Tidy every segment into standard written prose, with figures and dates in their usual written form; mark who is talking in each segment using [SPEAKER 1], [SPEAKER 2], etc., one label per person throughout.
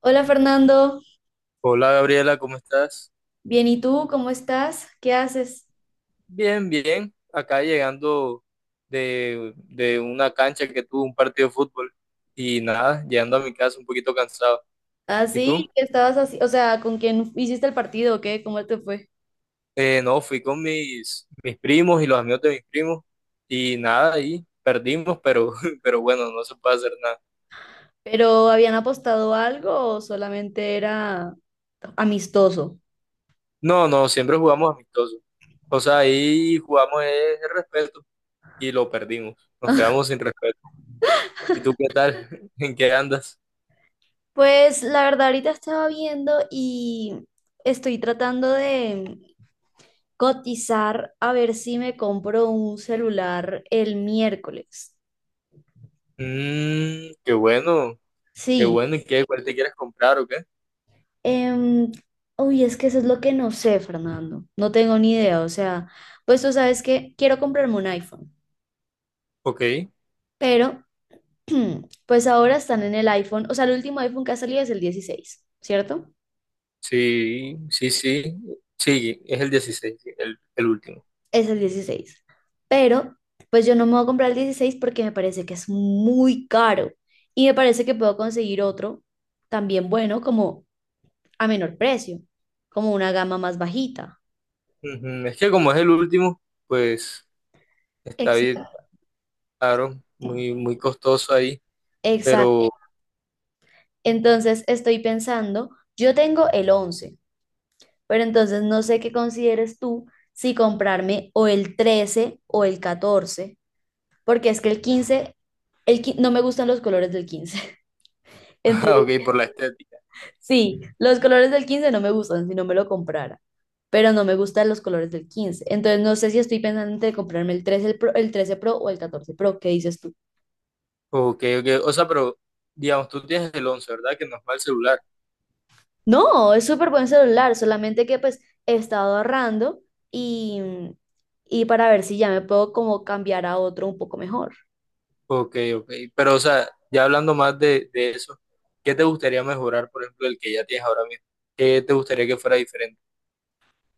[SPEAKER 1] Hola Fernando,
[SPEAKER 2] Hola Gabriela, ¿cómo estás?
[SPEAKER 1] bien, ¿y tú? ¿Cómo estás? ¿Qué haces?
[SPEAKER 2] Bien, bien. Acá llegando de una cancha que tuve un partido de fútbol y nada, llegando a mi casa un poquito cansado.
[SPEAKER 1] Ah,
[SPEAKER 2] ¿Y
[SPEAKER 1] sí,
[SPEAKER 2] tú?
[SPEAKER 1] ¿qué estabas así? O sea, ¿con quién hiciste el partido o qué? ¿Cómo te fue?
[SPEAKER 2] No, fui con mis primos y los amigos de mis primos y nada, ahí perdimos, pero, pero bueno, no se puede hacer nada.
[SPEAKER 1] ¿Pero habían apostado algo o solamente era amistoso?
[SPEAKER 2] No, no, siempre jugamos amistosos. O sea, ahí jugamos el respeto y lo perdimos. Nos quedamos sin respeto. ¿Y tú qué tal? ¿En qué andas?
[SPEAKER 1] Pues la verdad, ahorita estaba viendo y estoy tratando de cotizar a ver si me compro un celular el miércoles.
[SPEAKER 2] Mmm, qué bueno. Qué
[SPEAKER 1] Sí.
[SPEAKER 2] bueno, ¿y qué? ¿Cuál te quieres comprar o qué?
[SPEAKER 1] Em, Uy, es que eso es lo que no sé, Fernando. No tengo ni idea. O sea, pues tú sabes que quiero comprarme un iPhone,
[SPEAKER 2] Ok,
[SPEAKER 1] pero pues ahora están en el iPhone. O sea, el último iPhone que ha salido es el 16, ¿cierto?
[SPEAKER 2] sí, sí, sí, sí, es el 16, sí, el último.
[SPEAKER 1] Es el 16. Pero pues yo no me voy a comprar el 16 porque me parece que es muy caro y me parece que puedo conseguir otro también bueno, como a menor precio, como una gama más bajita.
[SPEAKER 2] Ujú, es que como es el último, pues está bien,
[SPEAKER 1] Exacto,
[SPEAKER 2] claro, muy, muy costoso ahí,
[SPEAKER 1] exacto.
[SPEAKER 2] pero,
[SPEAKER 1] Entonces estoy pensando, yo tengo el 11, pero entonces no sé qué consideres tú si comprarme o el 13 o el 14, porque es que el 15, no me gustan los colores del 15.
[SPEAKER 2] ah,
[SPEAKER 1] Entonces,
[SPEAKER 2] ok, por la estética.
[SPEAKER 1] sí, los colores del 15 no me gustan, si no me lo comprara, pero no me gustan los colores del 15. Entonces no sé, si estoy pensando entre comprarme el 13 Pro o el 14 Pro, ¿qué dices tú?
[SPEAKER 2] Ok, ok, o sea, pero, digamos, tú tienes el 11, ¿verdad? Que no es mal celular.
[SPEAKER 1] No, es súper buen celular, solamente que pues he estado ahorrando y, y para ver si ya me puedo como cambiar a otro un poco mejor.
[SPEAKER 2] Ok, ok, pero, o sea, ya hablando más de eso, ¿qué te gustaría mejorar, por ejemplo, el que ya tienes ahora mismo? ¿Qué te gustaría que fuera diferente?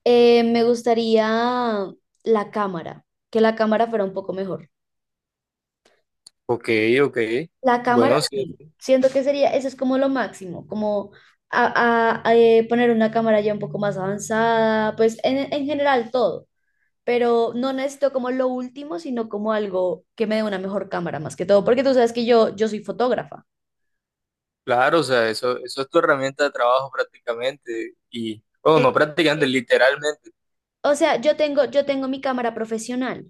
[SPEAKER 1] Me gustaría la cámara, que la cámara fuera un poco mejor.
[SPEAKER 2] Ok, ok,
[SPEAKER 1] La cámara,
[SPEAKER 2] bueno, sí.
[SPEAKER 1] sí, siento que sería, eso es como lo máximo, como poner una cámara ya un poco más avanzada, pues en general todo, pero no necesito como lo último, sino como algo que me dé una mejor cámara más que todo, porque tú sabes que yo soy fotógrafa.
[SPEAKER 2] Claro, o sea, eso es tu herramienta de trabajo prácticamente. Y, bueno, no prácticamente, literalmente.
[SPEAKER 1] O sea, yo tengo mi cámara profesional,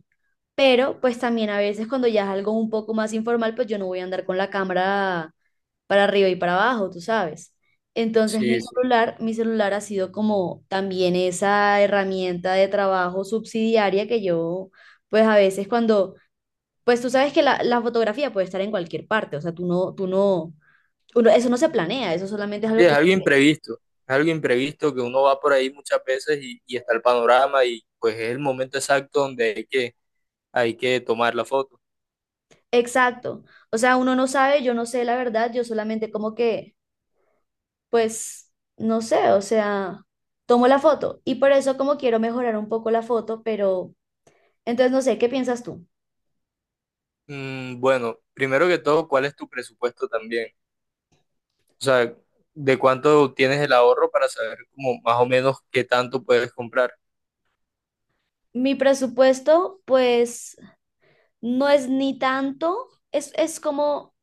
[SPEAKER 1] pero pues también a veces cuando ya es algo un poco más informal, pues yo no voy a andar con la cámara para arriba y para abajo, tú sabes. Entonces mi
[SPEAKER 2] Sí, sí.
[SPEAKER 1] celular, mi celular ha sido como también esa herramienta de trabajo subsidiaria que yo, pues a veces cuando, pues tú sabes que la fotografía puede estar en cualquier parte, o sea, tú no, eso no se planea, eso solamente es
[SPEAKER 2] Sí,
[SPEAKER 1] algo
[SPEAKER 2] es
[SPEAKER 1] que...
[SPEAKER 2] algo imprevisto. Es algo imprevisto que uno va por ahí muchas veces y está el panorama y pues es el momento exacto donde hay hay que tomar la foto.
[SPEAKER 1] Exacto. O sea, uno no sabe, yo no sé la verdad, yo solamente como que pues no sé, o sea, tomo la foto y por eso como quiero mejorar un poco la foto, pero entonces no sé, ¿qué piensas tú?
[SPEAKER 2] Mm, bueno, primero que todo, ¿cuál es tu presupuesto también? O sea, ¿de cuánto tienes el ahorro para saber como más o menos qué tanto puedes comprar?
[SPEAKER 1] Mi presupuesto, pues no es ni tanto, es como,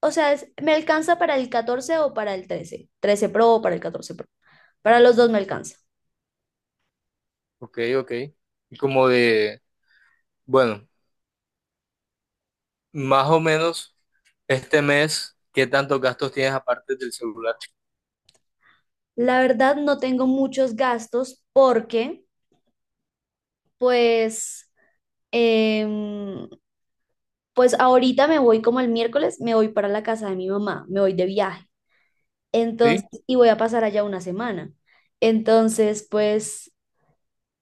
[SPEAKER 1] o sea, me alcanza para el 14 o para el trece Pro o para el 14 Pro, para los dos me alcanza.
[SPEAKER 2] Ok, ok. Y como de, bueno, más o menos. Este mes, ¿qué tantos gastos tienes aparte del celular?
[SPEAKER 1] La verdad no tengo muchos gastos porque, pues, em, pues ahorita me voy como el miércoles, me voy para la casa de mi mamá, me voy de viaje. Entonces,
[SPEAKER 2] Sí,
[SPEAKER 1] y voy a pasar allá una semana. Entonces, pues,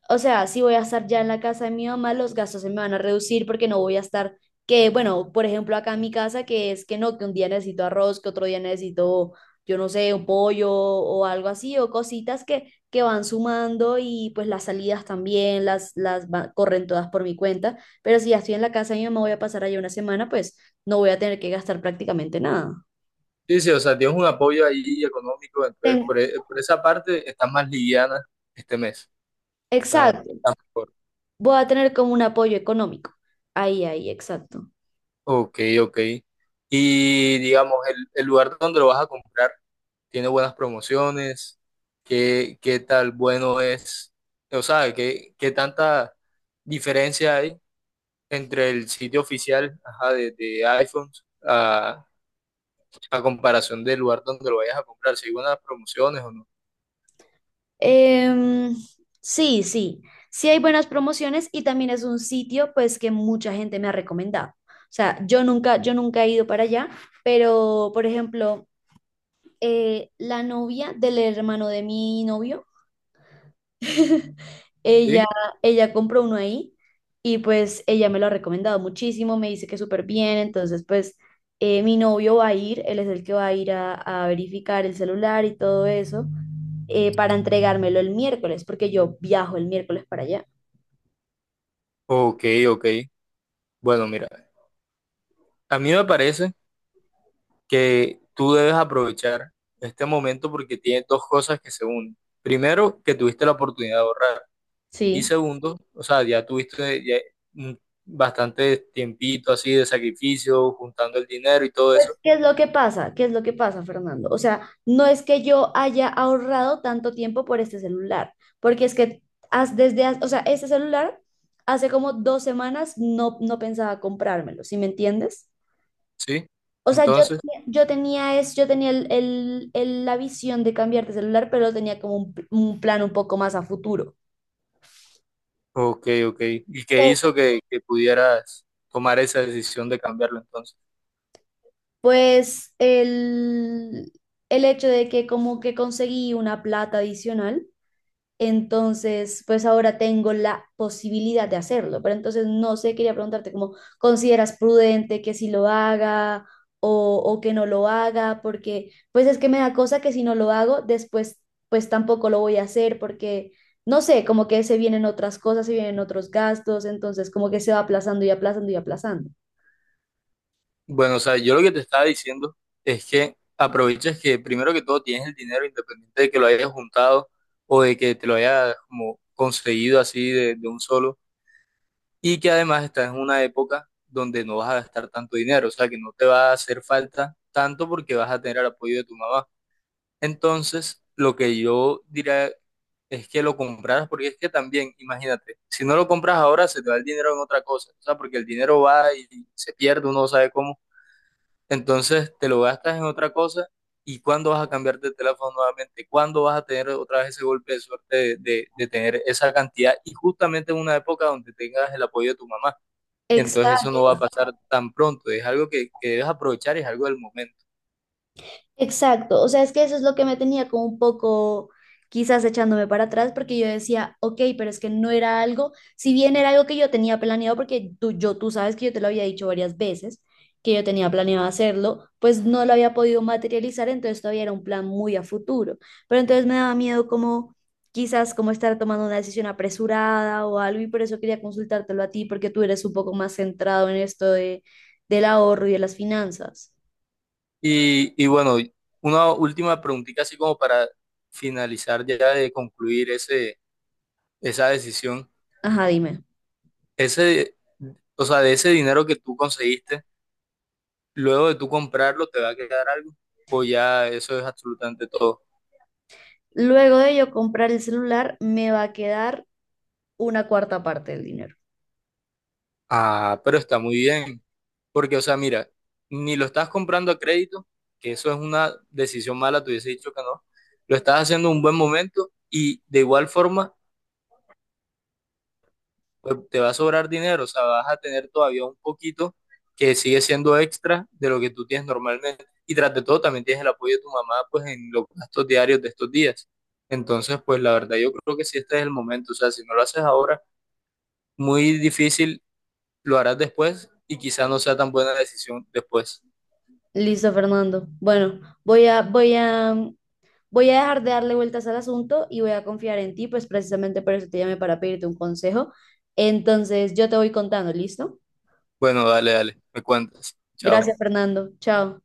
[SPEAKER 1] o sea, si voy a estar ya en la casa de mi mamá, los gastos se me van a reducir porque no voy a estar, que bueno, por ejemplo, acá en mi casa, que es que no, que un día necesito arroz, que otro día necesito, yo no sé, un pollo o algo así, o cositas que van sumando y pues las salidas también, las corren todas por mi cuenta. Pero si ya estoy en la casa de mi mamá, voy a pasar allá una semana, pues no voy a tener que gastar prácticamente nada.
[SPEAKER 2] sí, sí, o sea, tienes un apoyo ahí económico, entonces
[SPEAKER 1] Ten-
[SPEAKER 2] por, por esa parte estás más liviana este mes. Está,
[SPEAKER 1] Exacto.
[SPEAKER 2] está mejor.
[SPEAKER 1] Voy a tener como un apoyo económico. Ahí, ahí, exacto.
[SPEAKER 2] Ok, ok. Y digamos, el lugar donde lo vas a comprar tiene buenas promociones, ¿qué, qué tal bueno es? O sea, ¿qué, qué tanta diferencia hay entre el sitio oficial, ajá, de iPhones a comparación del lugar donde lo vayas a comprar, si hay buenas promociones o no.
[SPEAKER 1] Em, sí, sí, sí hay buenas promociones y también es un sitio pues que mucha gente me ha recomendado. O sea, yo nunca he ido para allá, pero por ejemplo, la novia del hermano de mi novio Ella,
[SPEAKER 2] ¿Sí?
[SPEAKER 1] ella compró uno ahí y pues ella me lo ha recomendado muchísimo, me dice que súper bien, entonces pues mi novio va a ir, él es el que va a ir a verificar el celular y todo eso para entregármelo el miércoles, porque yo viajo el miércoles para allá.
[SPEAKER 2] Ok, ok. Bueno, mira, a mí me parece que tú debes aprovechar este momento porque tienes dos cosas que se unen. Primero, que tuviste la oportunidad de ahorrar. Y
[SPEAKER 1] Sí.
[SPEAKER 2] segundo, o sea, ya tuviste ya bastante tiempito así de sacrificio, juntando el dinero y todo eso.
[SPEAKER 1] Pues, ¿qué es lo que pasa? ¿Qué es lo que pasa, Fernando? O sea, no es que yo haya ahorrado tanto tiempo por este celular, porque es que o sea, este celular hace como 2 semanas no, no pensaba comprármelo, ¿sí me entiendes?
[SPEAKER 2] ¿Sí?
[SPEAKER 1] O sea, yo,
[SPEAKER 2] Entonces,
[SPEAKER 1] tenía- yo tenía, es, yo tenía la visión de cambiar de celular, pero tenía como un plan un poco más a futuro.
[SPEAKER 2] ok, ok. ¿Y qué hizo
[SPEAKER 1] Pero,
[SPEAKER 2] que pudieras tomar esa decisión de cambiarlo entonces?
[SPEAKER 1] pues el hecho de que como que conseguí una plata adicional. Entonces, pues ahora tengo la posibilidad de hacerlo, pero entonces no sé, quería preguntarte cómo consideras prudente que si lo haga o que no lo haga, porque pues es que me da cosa que si no lo hago, después pues tampoco lo voy a hacer porque, no sé, como que se vienen otras cosas, se vienen otros gastos, entonces como que se va aplazando y aplazando y aplazando.
[SPEAKER 2] Bueno, o sea, yo lo que te estaba diciendo es que aproveches que primero que todo tienes el dinero independiente de que lo hayas juntado o de que te lo hayas como conseguido así de un solo y que además estás en una época donde no vas a gastar tanto dinero, o sea, que no te va a hacer falta tanto porque vas a tener el apoyo de tu mamá. Entonces, lo que yo diría es que lo compraras porque es que también, imagínate, si no lo compras ahora se te va el dinero en otra cosa, o sea, porque el dinero va y se pierde, uno no sabe cómo. Entonces te lo gastas en otra cosa y cuándo vas a cambiar de teléfono nuevamente, cuándo vas a tener otra vez ese golpe de suerte de tener esa cantidad y justamente en una época donde tengas el apoyo de tu mamá. Entonces eso
[SPEAKER 1] Exacto.
[SPEAKER 2] no va a pasar tan pronto, es algo que debes aprovechar y es algo del momento.
[SPEAKER 1] Exacto, o sea, es que eso es lo que me tenía como un poco, quizás echándome para atrás porque yo decía, ok, pero es que no era algo, si bien era algo que yo tenía planeado, porque tú sabes que yo te lo había dicho varias veces, que yo tenía planeado hacerlo, pues no lo había podido materializar, entonces todavía era un plan muy a futuro, pero entonces me daba miedo como quizás como estar tomando una decisión apresurada o algo y por eso quería consultártelo a ti porque tú eres un poco más centrado en esto del ahorro y de las finanzas.
[SPEAKER 2] Y bueno, una última preguntita así como para finalizar ya de concluir ese, esa decisión,
[SPEAKER 1] Ajá, dime.
[SPEAKER 2] ese, o sea, de ese dinero que tú conseguiste. Luego de tú comprarlo, ¿te va a quedar algo? O ya eso es absolutamente todo.
[SPEAKER 1] Luego de yo comprar el celular, me va a quedar una cuarta parte del dinero.
[SPEAKER 2] Ah, pero está muy bien. Porque, o sea, mira, ni lo estás comprando a crédito, que eso es una decisión mala, te hubiese dicho que no. Lo estás haciendo en un buen momento y de igual forma, pues, te va a sobrar dinero. O sea, vas a tener todavía un poquito que sigue siendo extra de lo que tú tienes normalmente. Y tras de todo, también tienes el apoyo de tu mamá, pues, en los gastos diarios de estos días. Entonces, pues, la verdad, yo creo que sí, este es el momento. O sea, si no lo haces ahora muy difícil, lo harás después y quizás no sea tan buena decisión después.
[SPEAKER 1] Listo, Fernando. Bueno, voy a, dejar de darle vueltas al asunto y voy a confiar en ti, pues precisamente por eso te llamé para pedirte un consejo. Entonces, yo te voy contando, ¿listo?
[SPEAKER 2] Bueno, dale, dale, me cuentas. Chao.
[SPEAKER 1] Gracias, Fernando. Chao.